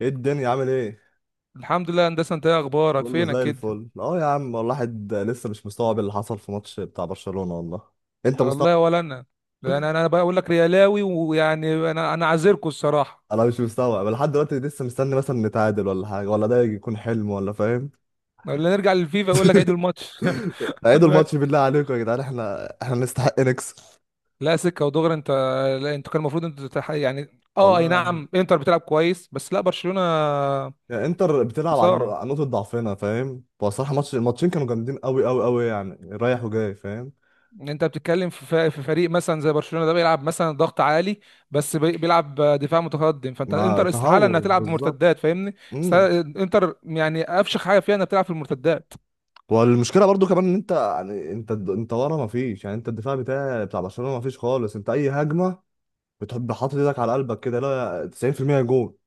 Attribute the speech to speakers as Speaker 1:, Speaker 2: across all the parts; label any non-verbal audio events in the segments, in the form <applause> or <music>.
Speaker 1: ايه الدنيا عامل ايه؟
Speaker 2: الحمد لله يا هندسه. انت ايه اخبارك
Speaker 1: كله
Speaker 2: فينك
Speaker 1: زي
Speaker 2: كده
Speaker 1: الفل اه يا عم والله، الواحد لسه مش مستوعب اللي حصل في ماتش بتاع برشلونة والله. انت
Speaker 2: لا
Speaker 1: مستوعب؟
Speaker 2: والله ولا انا. لان انا بقى اقول لك ريالاوي ويعني انا انا عذركوا الصراحه.
Speaker 1: انا مش مستوعب لحد دلوقتي، لسه مستني مثلا نتعادل ولا حاجة، ولا ده يكون حلم، ولا فاهم.
Speaker 2: ولا نرجع للفيفا اقول لك عيد
Speaker 1: <laughs>
Speaker 2: الماتش. <laughs>
Speaker 1: عيدوا الماتش بالله عليكم يا جدعان، احنا نستحق نكسب.
Speaker 2: لا سكه ودغري انت. لا انت كان المفروض انت تتح... يعني اه اي
Speaker 1: والله يعني.
Speaker 2: نعم، انتر بتلعب كويس، بس لا برشلونه.
Speaker 1: يعني انتر بتلعب عن
Speaker 2: خساره.
Speaker 1: عن نقطة ضعفنا، فاهم. هو الصراحة ماتش، الماتشين كانوا جامدين قوي قوي قوي يعني، رايح وجاي، فاهم.
Speaker 2: انت بتتكلم في فريق مثلا زي برشلونه، ده بيلعب مثلا ضغط عالي، بس بيلعب دفاع متقدم، فانت
Speaker 1: مع
Speaker 2: انتر استحاله انها
Speaker 1: تهور
Speaker 2: تلعب
Speaker 1: بالظبط.
Speaker 2: بمرتدات فاهمني.
Speaker 1: إمم.
Speaker 2: انتر يعني افشخ حاجه فيها انها بتلعب في المرتدات.
Speaker 1: والمشكله برضو كمان ان انت يعني انت ورا ما فيش، يعني انت الدفاع بتاع برشلونه ما فيش خالص. انت اي هجمه بتحب، حاطط ايدك على قلبك كده، لا 90% جول.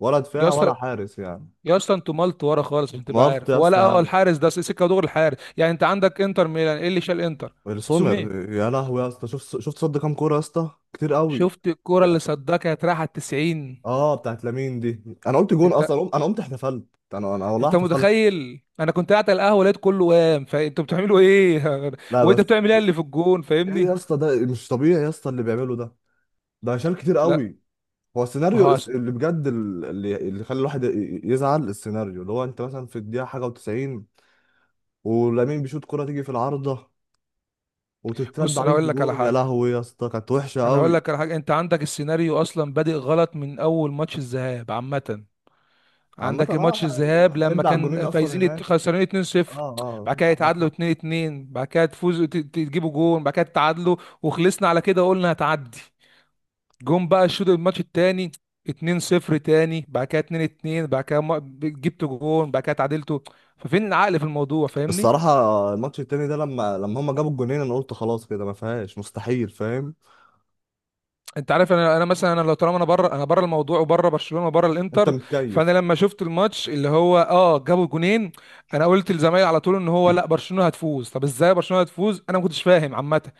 Speaker 1: ولا دفاع
Speaker 2: جاست.
Speaker 1: ولا حارس يعني.
Speaker 2: يا اسطى انتوا مالت ورا خالص عشان تبقى
Speaker 1: مارت
Speaker 2: عارف،
Speaker 1: يا اسطى
Speaker 2: ولا اه،
Speaker 1: يعني.
Speaker 2: الحارس ده سيكا دور الحارس. يعني انت عندك انتر ميلان، ايه اللي شال انتر؟ سومير.
Speaker 1: السومر يا لهوي يا اسطى، شفت صد كام كوره يا اسطى، كتير قوي.
Speaker 2: شفت الكرة اللي صدها؟ راح على 90.
Speaker 1: اه بتاعت لامين دي، انا قلت جون
Speaker 2: انت
Speaker 1: اصلا، انا قمت احتفلت. انا والله
Speaker 2: انت
Speaker 1: احتفلت.
Speaker 2: متخيل؟ انا كنت قاعد على القهوه لقيت كله قام، فانتوا بتعملوا ايه؟ <laughs>
Speaker 1: لا
Speaker 2: وانت
Speaker 1: بس.
Speaker 2: بتعمل ايه اللي في الجون
Speaker 1: ايه يا
Speaker 2: فاهمني؟
Speaker 1: اسطى، ده مش طبيعي يا اسطى اللي بيعمله ده، ده شال كتير
Speaker 2: لا
Speaker 1: قوي. هو
Speaker 2: ما
Speaker 1: السيناريو
Speaker 2: هو أصل-
Speaker 1: اللي بجد اللي خلى الواحد يزعل، السيناريو اللي هو انت مثلا في الدقيقه حاجه و90، ولامين بيشوط كره تيجي في العارضه وتترد
Speaker 2: بص انا
Speaker 1: عليك
Speaker 2: هقول لك على
Speaker 1: بجون، يا
Speaker 2: حاجه.
Speaker 1: لهوي يا اسطى كانت وحشه
Speaker 2: انا هقول
Speaker 1: قوي.
Speaker 2: لك على حاجه، انت عندك السيناريو اصلا بادئ غلط من اول ماتش الذهاب عامه.
Speaker 1: عامه
Speaker 2: عندك
Speaker 1: اه
Speaker 2: ماتش
Speaker 1: احنا،
Speaker 2: الذهاب
Speaker 1: إحنا
Speaker 2: لما
Speaker 1: بنبلع الجونين
Speaker 2: كان
Speaker 1: اصلا هناك.
Speaker 2: خسرانين
Speaker 1: اه.
Speaker 2: 2-0،
Speaker 1: اه
Speaker 2: بعد كده
Speaker 1: عندك
Speaker 2: يتعادلوا
Speaker 1: حق.
Speaker 2: 2-2، بعد كده تجيبوا جون بعد كده تتعادلوا، وخلصنا على كده وقلنا هتعدي. جون بقى الشوط الماتش التاني 2-0 تاني، بعد كده 2-2، بعد كده جبتوا جون بعد كده تعادلتوا. ففين العقل في الموضوع فاهمني؟
Speaker 1: الصراحه الماتش التاني ده لما هما جابوا الجونين انا قلت خلاص كده ما فيهاش، مستحيل، فاهم.
Speaker 2: انت عارف انا مثلا، انا لو طالما انا بره، انا بره الموضوع وبره برشلونه وبره
Speaker 1: انت
Speaker 2: الانتر. فانا
Speaker 1: متكيف.
Speaker 2: لما شفت الماتش اللي هو اه جابوا جونين، انا قلت لزمايلي على طول ان هو لا برشلونه هتفوز. طب ازاي برشلونه هتفوز؟ انا ما كنتش فاهم عامه.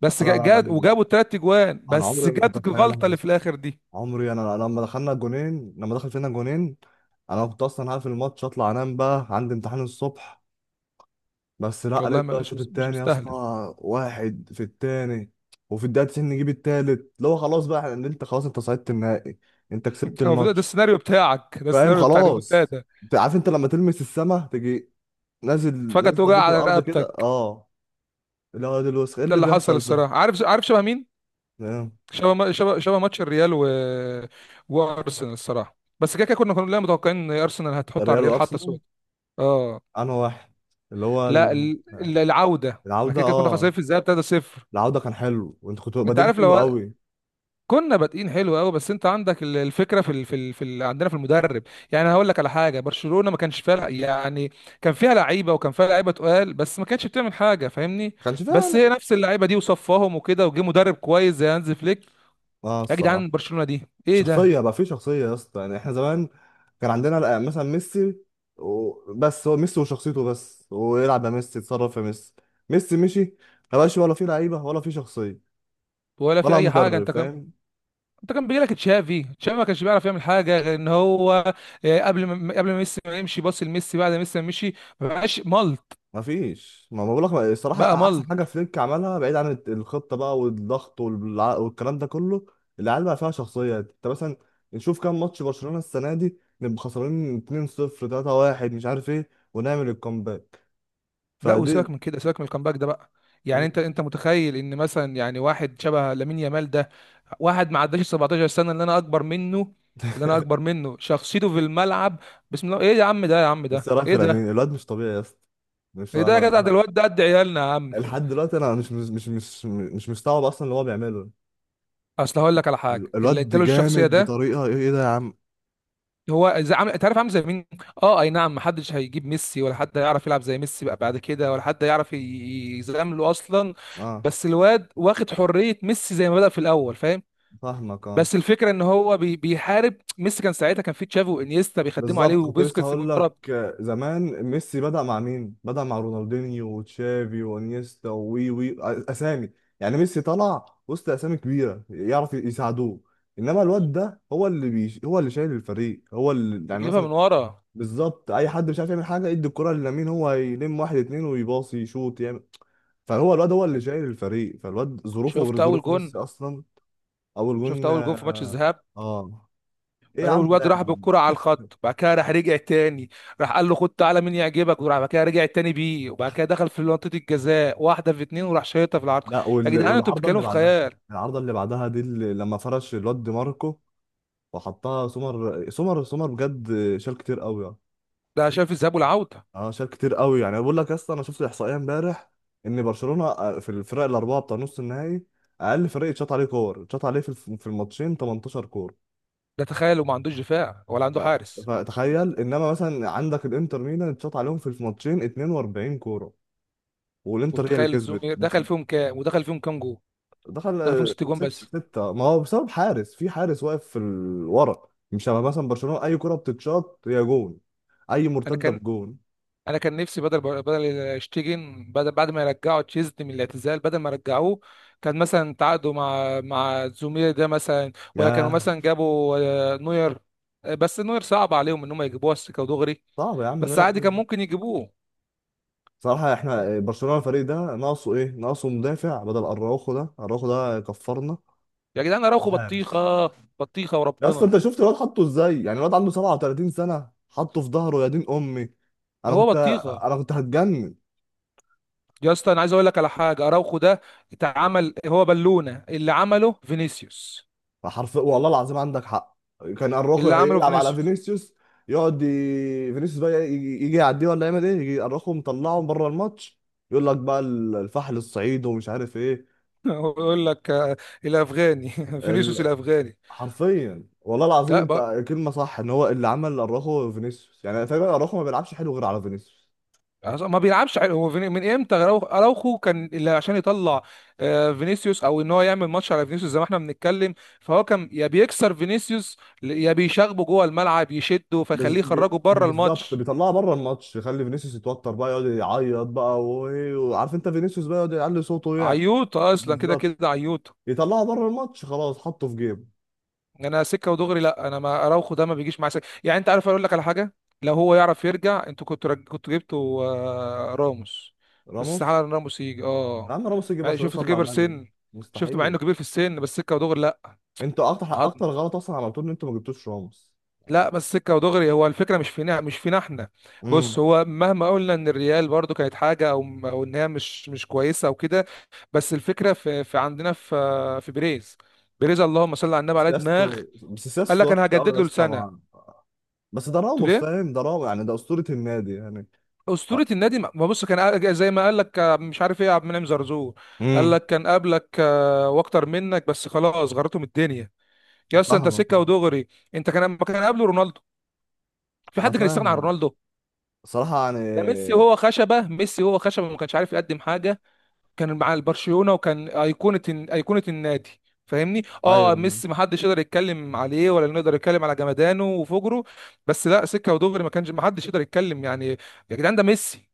Speaker 2: بس
Speaker 1: انا
Speaker 2: جاد وجابوا الثلاث اجوان،
Speaker 1: انا
Speaker 2: بس
Speaker 1: عمري ما كنت
Speaker 2: جت الغلطه
Speaker 1: اتخيلها.
Speaker 2: اللي في الاخر دي.
Speaker 1: عمري، انا لما دخلنا الجونين، لما دخل فينا جونين، انا كنت اصلا هقفل الماتش اطلع انام، بقى عندي امتحان الصبح. بس لا،
Speaker 2: والله
Speaker 1: لقيت
Speaker 2: ما-
Speaker 1: بقى
Speaker 2: مش
Speaker 1: الشوط
Speaker 2: مش
Speaker 1: التاني يا اسطى،
Speaker 2: مستاهله.
Speaker 1: واحد في التاني، وفي الدقيقه 90 نجيب التالت اللي هو خلاص بقى، انت خلاص انت صعدت النهائي، انت
Speaker 2: انت
Speaker 1: كسبت
Speaker 2: كان المفروض ده
Speaker 1: الماتش.
Speaker 2: السيناريو بتاعك، ده
Speaker 1: فاهم
Speaker 2: السيناريو بتاع
Speaker 1: خلاص.
Speaker 2: ريمونتادا.
Speaker 1: انت عارف انت لما تلمس السما تجي نازل،
Speaker 2: فجاه
Speaker 1: نازله
Speaker 2: توجع
Speaker 1: بيك
Speaker 2: على
Speaker 1: الارض كده
Speaker 2: رقبتك.
Speaker 1: اه، اللي هو ده الوسخ ايه
Speaker 2: ده
Speaker 1: اللي
Speaker 2: اللي حصل
Speaker 1: بيحصل ده.
Speaker 2: الصراحه. عارف شبه مين؟
Speaker 1: فاهم؟
Speaker 2: شبه شبه ماتش الريال و... وارسنال الصراحه. بس كده كده كنا كلنا متوقعين ان ارسنال هتحط على
Speaker 1: الريال
Speaker 2: الريال حتى
Speaker 1: وارسنال.
Speaker 2: سود. اه.
Speaker 1: انا واحد، اللي هو
Speaker 2: لا العوده ما
Speaker 1: العوده
Speaker 2: كده كده كنا
Speaker 1: اه،
Speaker 2: خسرانين في الذهاب 3-0.
Speaker 1: العودة كان حلو، وانتوا كنتوا
Speaker 2: انت
Speaker 1: بادئين
Speaker 2: عارف،
Speaker 1: حلو
Speaker 2: لو
Speaker 1: قوي. ما
Speaker 2: كنا بادئين حلو قوي، بس انت عندك الفكره عندنا في المدرب. يعني هقول لك على حاجه، برشلونه ما كانش فيها يعني. كان فيها لعيبه، وكان فيها لعيبه تقال، بس ما كانتش بتعمل حاجه فاهمني.
Speaker 1: كانش
Speaker 2: بس هي
Speaker 1: فعلا.
Speaker 2: نفس اللعيبه دي وصفاهم وكده، وجه مدرب كويس زي هانز فليك.
Speaker 1: اه
Speaker 2: يا
Speaker 1: الصراحة.
Speaker 2: جدعان برشلونه دي ايه
Speaker 1: شخصية
Speaker 2: ده!
Speaker 1: بقى، في شخصية يا اسطى يعني. احنا زمان كان عندنا لا، مثلا ميسي، بس هو ميسي وشخصيته بس، ويلعب يا ميسي، يتصرف يا ميسي. ميسي مشي، ما بقاش ولا في لعيبة ولا في شخصية
Speaker 2: ولا في
Speaker 1: ولا
Speaker 2: اي حاجه
Speaker 1: مدرب،
Speaker 2: انت.
Speaker 1: فاهم.
Speaker 2: انت كان بيجي لك تشافي، تشافي ما كانش بيعرف يعمل حاجه غير ان هو آه، قبل ما ميسي ما يمشي باص لميسي، بعد ما ميسي ما مشي ما بقاش ملط.
Speaker 1: ما فيش، ما بقول لك الصراحه
Speaker 2: بقى
Speaker 1: احسن حاجه
Speaker 2: ملط.
Speaker 1: فليك عملها، بعيد عن الخطه بقى والضغط والكلام ده كله. العيال بقى فيها شخصيه. انت مثلا نشوف كام ماتش برشلونه السنه دي نبقى خسرانين 2-0، 3-1، مش عارف ايه، ونعمل الكومباك.
Speaker 2: لا
Speaker 1: فدي.
Speaker 2: وسيبك من كده، سيبك من الكامباك ده بقى. يعني
Speaker 1: مم.
Speaker 2: انت متخيل ان مثلا يعني واحد شبه لامين يامال ده؟ واحد ما عداش 17 سنه، اللي انا اكبر منه، اللي انا اكبر منه شخصيته في الملعب. بسم الله، ايه يا عم ده، يا عم
Speaker 1: بس
Speaker 2: ده
Speaker 1: إيه رايك في
Speaker 2: ايه
Speaker 1: لامين؟
Speaker 2: ده!
Speaker 1: الواد مش طبيعي يا اسطى. مش
Speaker 2: ايه
Speaker 1: انا
Speaker 2: ده يا جدع، ده
Speaker 1: انا
Speaker 2: الواد ده قد عيالنا يا عم.
Speaker 1: لحد دلوقتي انا مش مستوعب اصلا اللي هو بيعمله.
Speaker 2: اصل هقول لك على حاجه اللي
Speaker 1: الواد
Speaker 2: اداله الشخصيه
Speaker 1: جامد
Speaker 2: ده.
Speaker 1: بطريقه، ايه إيه ده يا عم.
Speaker 2: هو زي عامل، انت عارف عامل زي مين؟ اه اي نعم، محدش هيجيب ميسي، ولا حد هيعرف يلعب زي ميسي بقى بعد كده، ولا حد يعرف يزامله اصلا.
Speaker 1: اه
Speaker 2: بس الواد واخد حرية ميسي زي ما بدأ في الاول فاهم.
Speaker 1: فاهمك أه.
Speaker 2: بس الفكرة ان هو بيحارب ميسي كان ساعتها كان في تشافي وانيستا بيخدموا عليه
Speaker 1: بالظبط كنت لسه
Speaker 2: وبيسكتس من
Speaker 1: هقول
Speaker 2: ورا.
Speaker 1: لك. آه، زمان ميسي بدأ مع مين؟ بدأ مع رونالدينيو وتشافي وانيستا ووي وي آه، اسامي، يعني ميسي طلع وسط اسامي كبيره يعرف يساعدوه. انما الواد ده هو اللي هو اللي شايل الفريق، هو اللي يعني
Speaker 2: بيجيبها
Speaker 1: مثلا،
Speaker 2: من ورا.
Speaker 1: بالظبط. اي حد مش عارف يعمل حاجه يدي الكره للامين، هو يلم واحد اتنين ويباصي، يشوط، يعمل. فهو الواد هو اللي شايل الفريق، فالواد ظروفه غير
Speaker 2: شفت اول
Speaker 1: ظروف
Speaker 2: جون؟
Speaker 1: ميسي اصلا. اول
Speaker 2: شفت
Speaker 1: جون،
Speaker 2: اول جون في ماتش الذهاب؟
Speaker 1: اه، ايه يا عم
Speaker 2: الواد
Speaker 1: ده.
Speaker 2: راح بالكرة على الخط، بعد كده راح رجع تاني، راح قال له خد تعالى مين يعجبك، وراح بعد كده رجع تاني بيه، وبعد كده دخل في منطقة الجزاء واحدة في اتنين وراح شايطها في العرض.
Speaker 1: لا
Speaker 2: يا جدعان انتوا
Speaker 1: والعارضه اللي
Speaker 2: بتتكلموا في
Speaker 1: بعدها.
Speaker 2: خيال.
Speaker 1: العارضه اللي بعدها دي، اللي لما فرش الواد دي ماركو وحطها، سمر سمر سمر بجد، شال كتير قوي يعني.
Speaker 2: ده شايف الذهاب والعودة.
Speaker 1: اه شال كتير قوي يعني. بقول لك يا اسطى، انا شفت الاحصائيه امبارح، ان برشلونه آه، في الفرق الاربعه بتاع نص النهائي اقل فريق اتشاط عليه كور، اتشاط عليه في في الماتشين 18 كور.
Speaker 2: ده تخيل، وما عندوش دفاع ولا
Speaker 1: ف-
Speaker 2: عنده حارس.
Speaker 1: فتخيل انما مثلا عندك الانتر ميلان اتشاط عليهم في الماتشين 42 كوره، والانتر هي اللي
Speaker 2: وتخيل الزوم
Speaker 1: كسبت.
Speaker 2: دخل فيهم كام، ودخل فيهم كام جول؟
Speaker 1: دخل
Speaker 2: دخل فيهم
Speaker 1: آه،
Speaker 2: ست جون
Speaker 1: ستة
Speaker 2: بس.
Speaker 1: ستة، ما هو بسبب حارس، في حارس واقف في ورا. مش شبه مثلا برشلونة، أي كرة بتتشاط هي جون، أي
Speaker 2: انا
Speaker 1: مرتدة
Speaker 2: كان
Speaker 1: بجون.
Speaker 2: انا كان نفسي بدل شتيجن، بدل بعد ما يرجعوا تشيزني من الاعتزال، بدل ما رجعوه كان مثلا تعاقدوا مع زومير ده مثلا، ولا كانوا
Speaker 1: ياه.
Speaker 2: مثلا جابوا آه، نوير. آه، بس نوير صعب عليهم ان هم يجيبوه على السكه ودغري،
Speaker 1: صعب يا عم،
Speaker 2: بس
Speaker 1: نقدر
Speaker 2: عادي كان
Speaker 1: إيه؟
Speaker 2: ممكن يجيبوه.
Speaker 1: صراحة احنا برشلونة الفريق ده ناقصه ايه؟ ناقصه مدافع بدل اراوخو ده، اراوخو ده كفرنا،
Speaker 2: يا جدعان اراوخو بطيخه.
Speaker 1: وحارس.
Speaker 2: بطيخه
Speaker 1: يا اسطى
Speaker 2: وربنا.
Speaker 1: انت شفت الواد حطه ازاي؟ يعني الواد عنده 37 سنة حطه في ظهره يا دين امي. انا
Speaker 2: هو
Speaker 1: كنت
Speaker 2: بطيخه.
Speaker 1: انا كنت هتجنن.
Speaker 2: يا اسطى انا عايز اقول لك على حاجه، اراوخو ده اتعمل هو بالونه اللي عمله فينيسيوس.
Speaker 1: فحرف والله العظيم عندك حق، كان اراخو
Speaker 2: اللي عمله
Speaker 1: يلعب على
Speaker 2: فينيسيوس.
Speaker 1: فينيسيوس، يقعد فينيسيوس بقى يجي يعديه ولا يعمل ايه، يجي اراخو مطلعه بره الماتش، يقول لك بقى الفحل الصعيد ومش عارف ايه.
Speaker 2: <laughs> هو يقول لك آه، الافغاني. <laughs> فينيسيوس
Speaker 1: ال...
Speaker 2: الافغاني.
Speaker 1: حرفيا والله العظيم
Speaker 2: لا
Speaker 1: انت كلمه صح، ان هو اللي عمل اراخو فينيسيوس. يعني تقريبا اراخو ما بيلعبش حلو غير على فينيسيوس.
Speaker 2: ما بيلعبش حلو. هو من امتى اراوخو كان اللي عشان يطلع آه، فينيسيوس، او ان هو يعمل ماتش على فينيسيوس زي ما احنا بنتكلم. فهو كان يا بيكسر فينيسيوس، يا بيشاغبه جوه الملعب يشده فيخليه يخرجه بره
Speaker 1: بالظبط
Speaker 2: الماتش.
Speaker 1: بيطلعه بره الماتش، يخلي فينيسيوس يتوتر بقى، يقعد يعيط بقى وإيه، وعارف انت فينيسيوس بقى يقعد يعلي صوته يعني.
Speaker 2: عيوط اصلا كده
Speaker 1: بالظبط،
Speaker 2: كده عيوط.
Speaker 1: يطلعه بره الماتش خلاص، حطه في جيب.
Speaker 2: انا سكه ودغري، لا انا ما اراوخو ده ما بيجيش معايا سكه، يعني انت عارف اقول لك على حاجه، لو هو يعرف يرجع انتوا كنتوا جبتوا آه، راموس. بس
Speaker 1: راموس،
Speaker 2: على إن راموس يجي
Speaker 1: يا
Speaker 2: اه.
Speaker 1: عم راموس يجي برشلونة
Speaker 2: شفت
Speaker 1: صلى على
Speaker 2: كبر
Speaker 1: النبي،
Speaker 2: سن؟ شفت مع
Speaker 1: مستحيل.
Speaker 2: انه كبير في السن بس سكه ودغري.
Speaker 1: انتوا اكتر،
Speaker 2: لا.
Speaker 1: اكتر غلط اصلا عملتوه ان انتوا ما جبتوش راموس.
Speaker 2: لا بس سكه ودغري، هو الفكره مش فينا احنا. بص،
Speaker 1: امم.
Speaker 2: هو مهما قلنا ان الريال برضو كانت حاجه، او ان هي مش كويسه او كده، بس الفكره في عندنا في في بيريز. بيريز، اللهم صل على النبي، على دماغ
Speaker 1: سياسته، بس
Speaker 2: قال
Speaker 1: سياسته
Speaker 2: لك انا
Speaker 1: وحشه قوي
Speaker 2: هجدد
Speaker 1: يا
Speaker 2: له
Speaker 1: اسطى
Speaker 2: لسنه.
Speaker 1: بس ده
Speaker 2: قلت له
Speaker 1: راموس،
Speaker 2: ليه؟
Speaker 1: فاهم؟ ده راموس يعني، ده اسطورة النادي يعني.
Speaker 2: اسطوره النادي. ما بص كان زي ما قال لك آه، مش عارف ايه، عبد المنعم زرزور قال
Speaker 1: امم.
Speaker 2: لك كان قبلك آه، واكتر منك، بس خلاص غرتهم الدنيا. يا اسطى انت
Speaker 1: فاهمك
Speaker 2: سكه
Speaker 1: فاهم.
Speaker 2: ودغري. انت كان ما كان قبله رونالدو، في
Speaker 1: انا
Speaker 2: حد كان يستغنى عن
Speaker 1: فاهم.
Speaker 2: رونالدو؟
Speaker 1: صراحة يعني.
Speaker 2: ده ميسي هو خشبه، ميسي هو خشبه ما كانش عارف يقدم حاجه، كان مع البرشلونه وكان ايقونه، ايقونه النادي فاهمني.
Speaker 1: ايوه.
Speaker 2: اه ميسي ما حدش يقدر يتكلم عليه، ولا نقدر يتكلم على جمدانه وفجره، بس لا سكه ودغري، ما حدش يقدر يتكلم يعني. يا جدعان ده ميسي.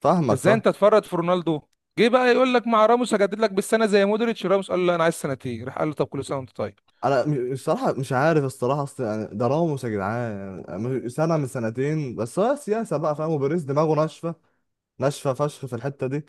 Speaker 1: فاهمك
Speaker 2: فازاي
Speaker 1: فاهم.
Speaker 2: انت تفرط في رونالدو؟ جه بقى يقول لك مع راموس هجدد لك بالسنه زي مودريتش. راموس قال له لا انا عايز سنتين، راح قال له طب كل سنه وانت طيب.
Speaker 1: الصراحة مش عارف، الصراحة اصل يعني ده راموس يا جدعان، يعني سنة من سنتين بس، هو سياسة بقى فاهم، وبيريز دماغه ناشفة، ناشفة فشخ في الحتة دي.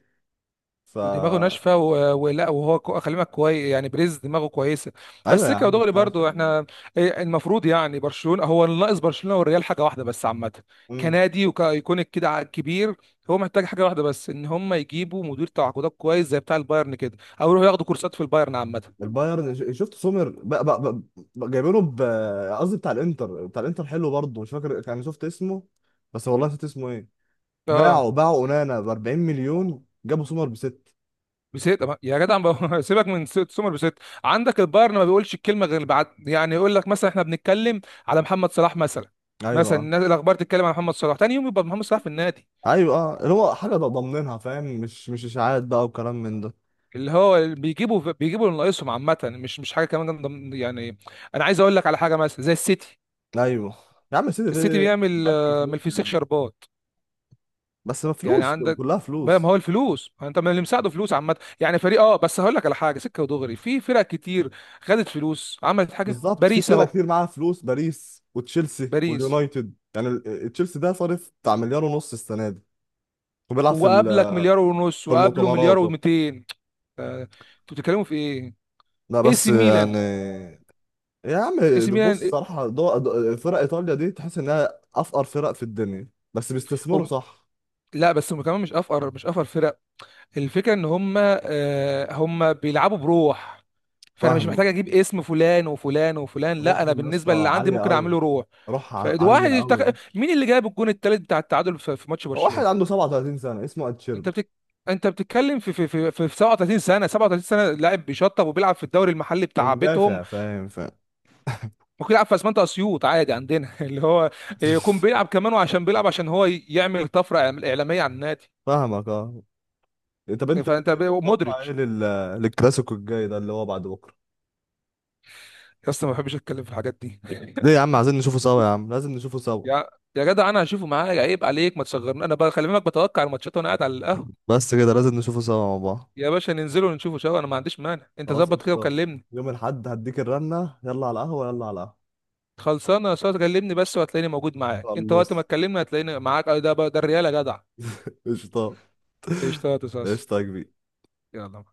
Speaker 1: ف.
Speaker 2: ودماغه ناشفه، خلي بالك كويس، يعني بريز دماغه كويسه.
Speaker 1: ايوه
Speaker 2: بس
Speaker 1: يا
Speaker 2: سكه
Speaker 1: عم
Speaker 2: ودغري
Speaker 1: بتاع
Speaker 2: برضو
Speaker 1: الشام.
Speaker 2: احنا إيه المفروض، يعني برشلونه هو اللي ناقص برشلونه والريال حاجه واحده بس عامه.
Speaker 1: امم.
Speaker 2: كنادي وكايكونيك كده كبير، هو محتاج حاجه واحده بس، ان هم يجيبوا مدير تعاقدات كويس زي بتاع البايرن كده، او يروحوا ياخدوا كورسات في البايرن عامه.
Speaker 1: البايرن، شفت سومر؟ بقى جايبينه ب، قصدي بتاع الانتر. بتاع الانتر حلو برضه، مش فاكر، كان شفت اسمه بس والله نسيت اسمه ايه.
Speaker 2: اه
Speaker 1: باعوا اونانا ب 40 مليون، جابوا سومر بست.
Speaker 2: بسيت. أما- يا جدع ما- <laughs> سيبك من سومر بسيت. عندك البايرن ما بيقولش الكلمه غير بعد، يعني يقول لك مثلا احنا بنتكلم على محمد صلاح مثلا،
Speaker 1: ايوه.
Speaker 2: مثلا الاخبار تتكلم على محمد صلاح، تاني يوم يبقى محمد صلاح في النادي.
Speaker 1: ايوه اه، اللي هو حاجه ضامنينها فاهم، مش مش اشاعات بقى وكلام من ده.
Speaker 2: اللي هو بيجيبوا اللي ناقصهم عامة، مش حاجة كمان يعني. أنا عايز أقول لك على حاجة مثلا زي السيتي.
Speaker 1: ايوه يا عم سيدي
Speaker 2: السيتي
Speaker 1: ده ده.
Speaker 2: بيعمل
Speaker 1: بنك
Speaker 2: آه، من
Speaker 1: فلوس
Speaker 2: الفسيخ
Speaker 1: يعني،
Speaker 2: شربات.
Speaker 1: بس ما
Speaker 2: يعني
Speaker 1: فلوس،
Speaker 2: عندك
Speaker 1: كلها
Speaker 2: بقى، ما هو
Speaker 1: فلوس.
Speaker 2: الفلوس، ما انت من اللي مساعده فلوس عامة، يعني فريق اه، بس هقول لك على حاجة سكة ودغري، في فرق كتير خدت فلوس عملت حاجة،
Speaker 1: بالظبط، في
Speaker 2: باريس
Speaker 1: فرق
Speaker 2: اهو.
Speaker 1: كتير معاها فلوس، باريس وتشيلسي
Speaker 2: باريس،
Speaker 1: واليونايتد يعني آه، تشيلسي ده صارف بتاع مليار ونص السنه دي، وبيلعب في
Speaker 2: وقابلك 1.5 مليار،
Speaker 1: في
Speaker 2: وقابله
Speaker 1: المؤتمرات
Speaker 2: مليار و200. انتوا بتتكلموا في ايه؟
Speaker 1: لا
Speaker 2: اي
Speaker 1: بس
Speaker 2: سي ميلان.
Speaker 1: يعني. يا عم
Speaker 2: اي سي
Speaker 1: ده
Speaker 2: ميلان
Speaker 1: بص
Speaker 2: إيه؟
Speaker 1: صراحه، فرق ايطاليا دي تحس انها افقر فرق في الدنيا، بس بيستثمروا
Speaker 2: هم-
Speaker 1: صح.
Speaker 2: لا بس هم كمان مش افقر، مش افقر فرقة. الفكرة ان هم آه، هم بيلعبوا بروح. فانا مش محتاج
Speaker 1: فاهم.
Speaker 2: اجيب اسم فلان وفلان وفلان، لا انا
Speaker 1: روحهم يا
Speaker 2: بالنسبة اللي
Speaker 1: اسطى
Speaker 2: عندي
Speaker 1: عاليه
Speaker 2: ممكن
Speaker 1: قوي،
Speaker 2: اعمله روح.
Speaker 1: روح
Speaker 2: فواحد
Speaker 1: عاليه
Speaker 2: يشتغل
Speaker 1: قوي.
Speaker 2: مين اللي جاب الجون الثالث بتاع التعادل في ماتش
Speaker 1: واحد
Speaker 2: برشلونة.
Speaker 1: عنده 37 سنه اسمه
Speaker 2: انت
Speaker 1: اتشيرب،
Speaker 2: بتك... انت بتتكلم في 37 سنة، 37 سنة لاعب بيشطب وبيلعب في الدوري المحلي بتاع بيتهم.
Speaker 1: ومدافع، فاهم فاهم.
Speaker 2: ممكن يلعب في اسمنت اسيوط عادي عندنا <laughs> اللي هو يكون
Speaker 1: <laughs>
Speaker 2: بيلعب كمان، وعشان بيلعب عشان هو يعمل طفرة اعلامية على النادي.
Speaker 1: فاهمك اه. إيه، طب انت،
Speaker 2: فانت
Speaker 1: انت تتوقع ايه
Speaker 2: مودريتش.
Speaker 1: للكلاسيكو الجاي ده اللي هو بعد بكره؟
Speaker 2: يا اسطى ما بحبش اتكلم في الحاجات دي.
Speaker 1: ليه يا عم؟ عايزين نشوفه سوا يا عم، لازم نشوفه سوا،
Speaker 2: يا يا جدع انا هشوفه معايا، عيب عليك ما تصغرني، انا بقى خلي بالك بتوقع الماتشات وانا قاعد على القهوه.
Speaker 1: بس كده لازم نشوفه سوا مع بعض.
Speaker 2: يا باشا ننزل ونشوفه سوا انا ما عنديش مانع، انت
Speaker 1: خلاص
Speaker 2: ظبط كده
Speaker 1: قشطة.
Speaker 2: وكلمني.
Speaker 1: يوم الاحد هديك الرنه، يلا على القهوه، يلا على القهوه.
Speaker 2: خلصانه يا استاذ، كلمني بس وهتلاقيني موجود معاك، انت وقت ما
Speaker 1: خلص.
Speaker 2: تكلمني هتلاقيني معاك. أه، ده الريال يا جدع.
Speaker 1: قشطة.
Speaker 2: قشطه يا استاذ.
Speaker 1: قشطة يا كبير.
Speaker 2: يلا.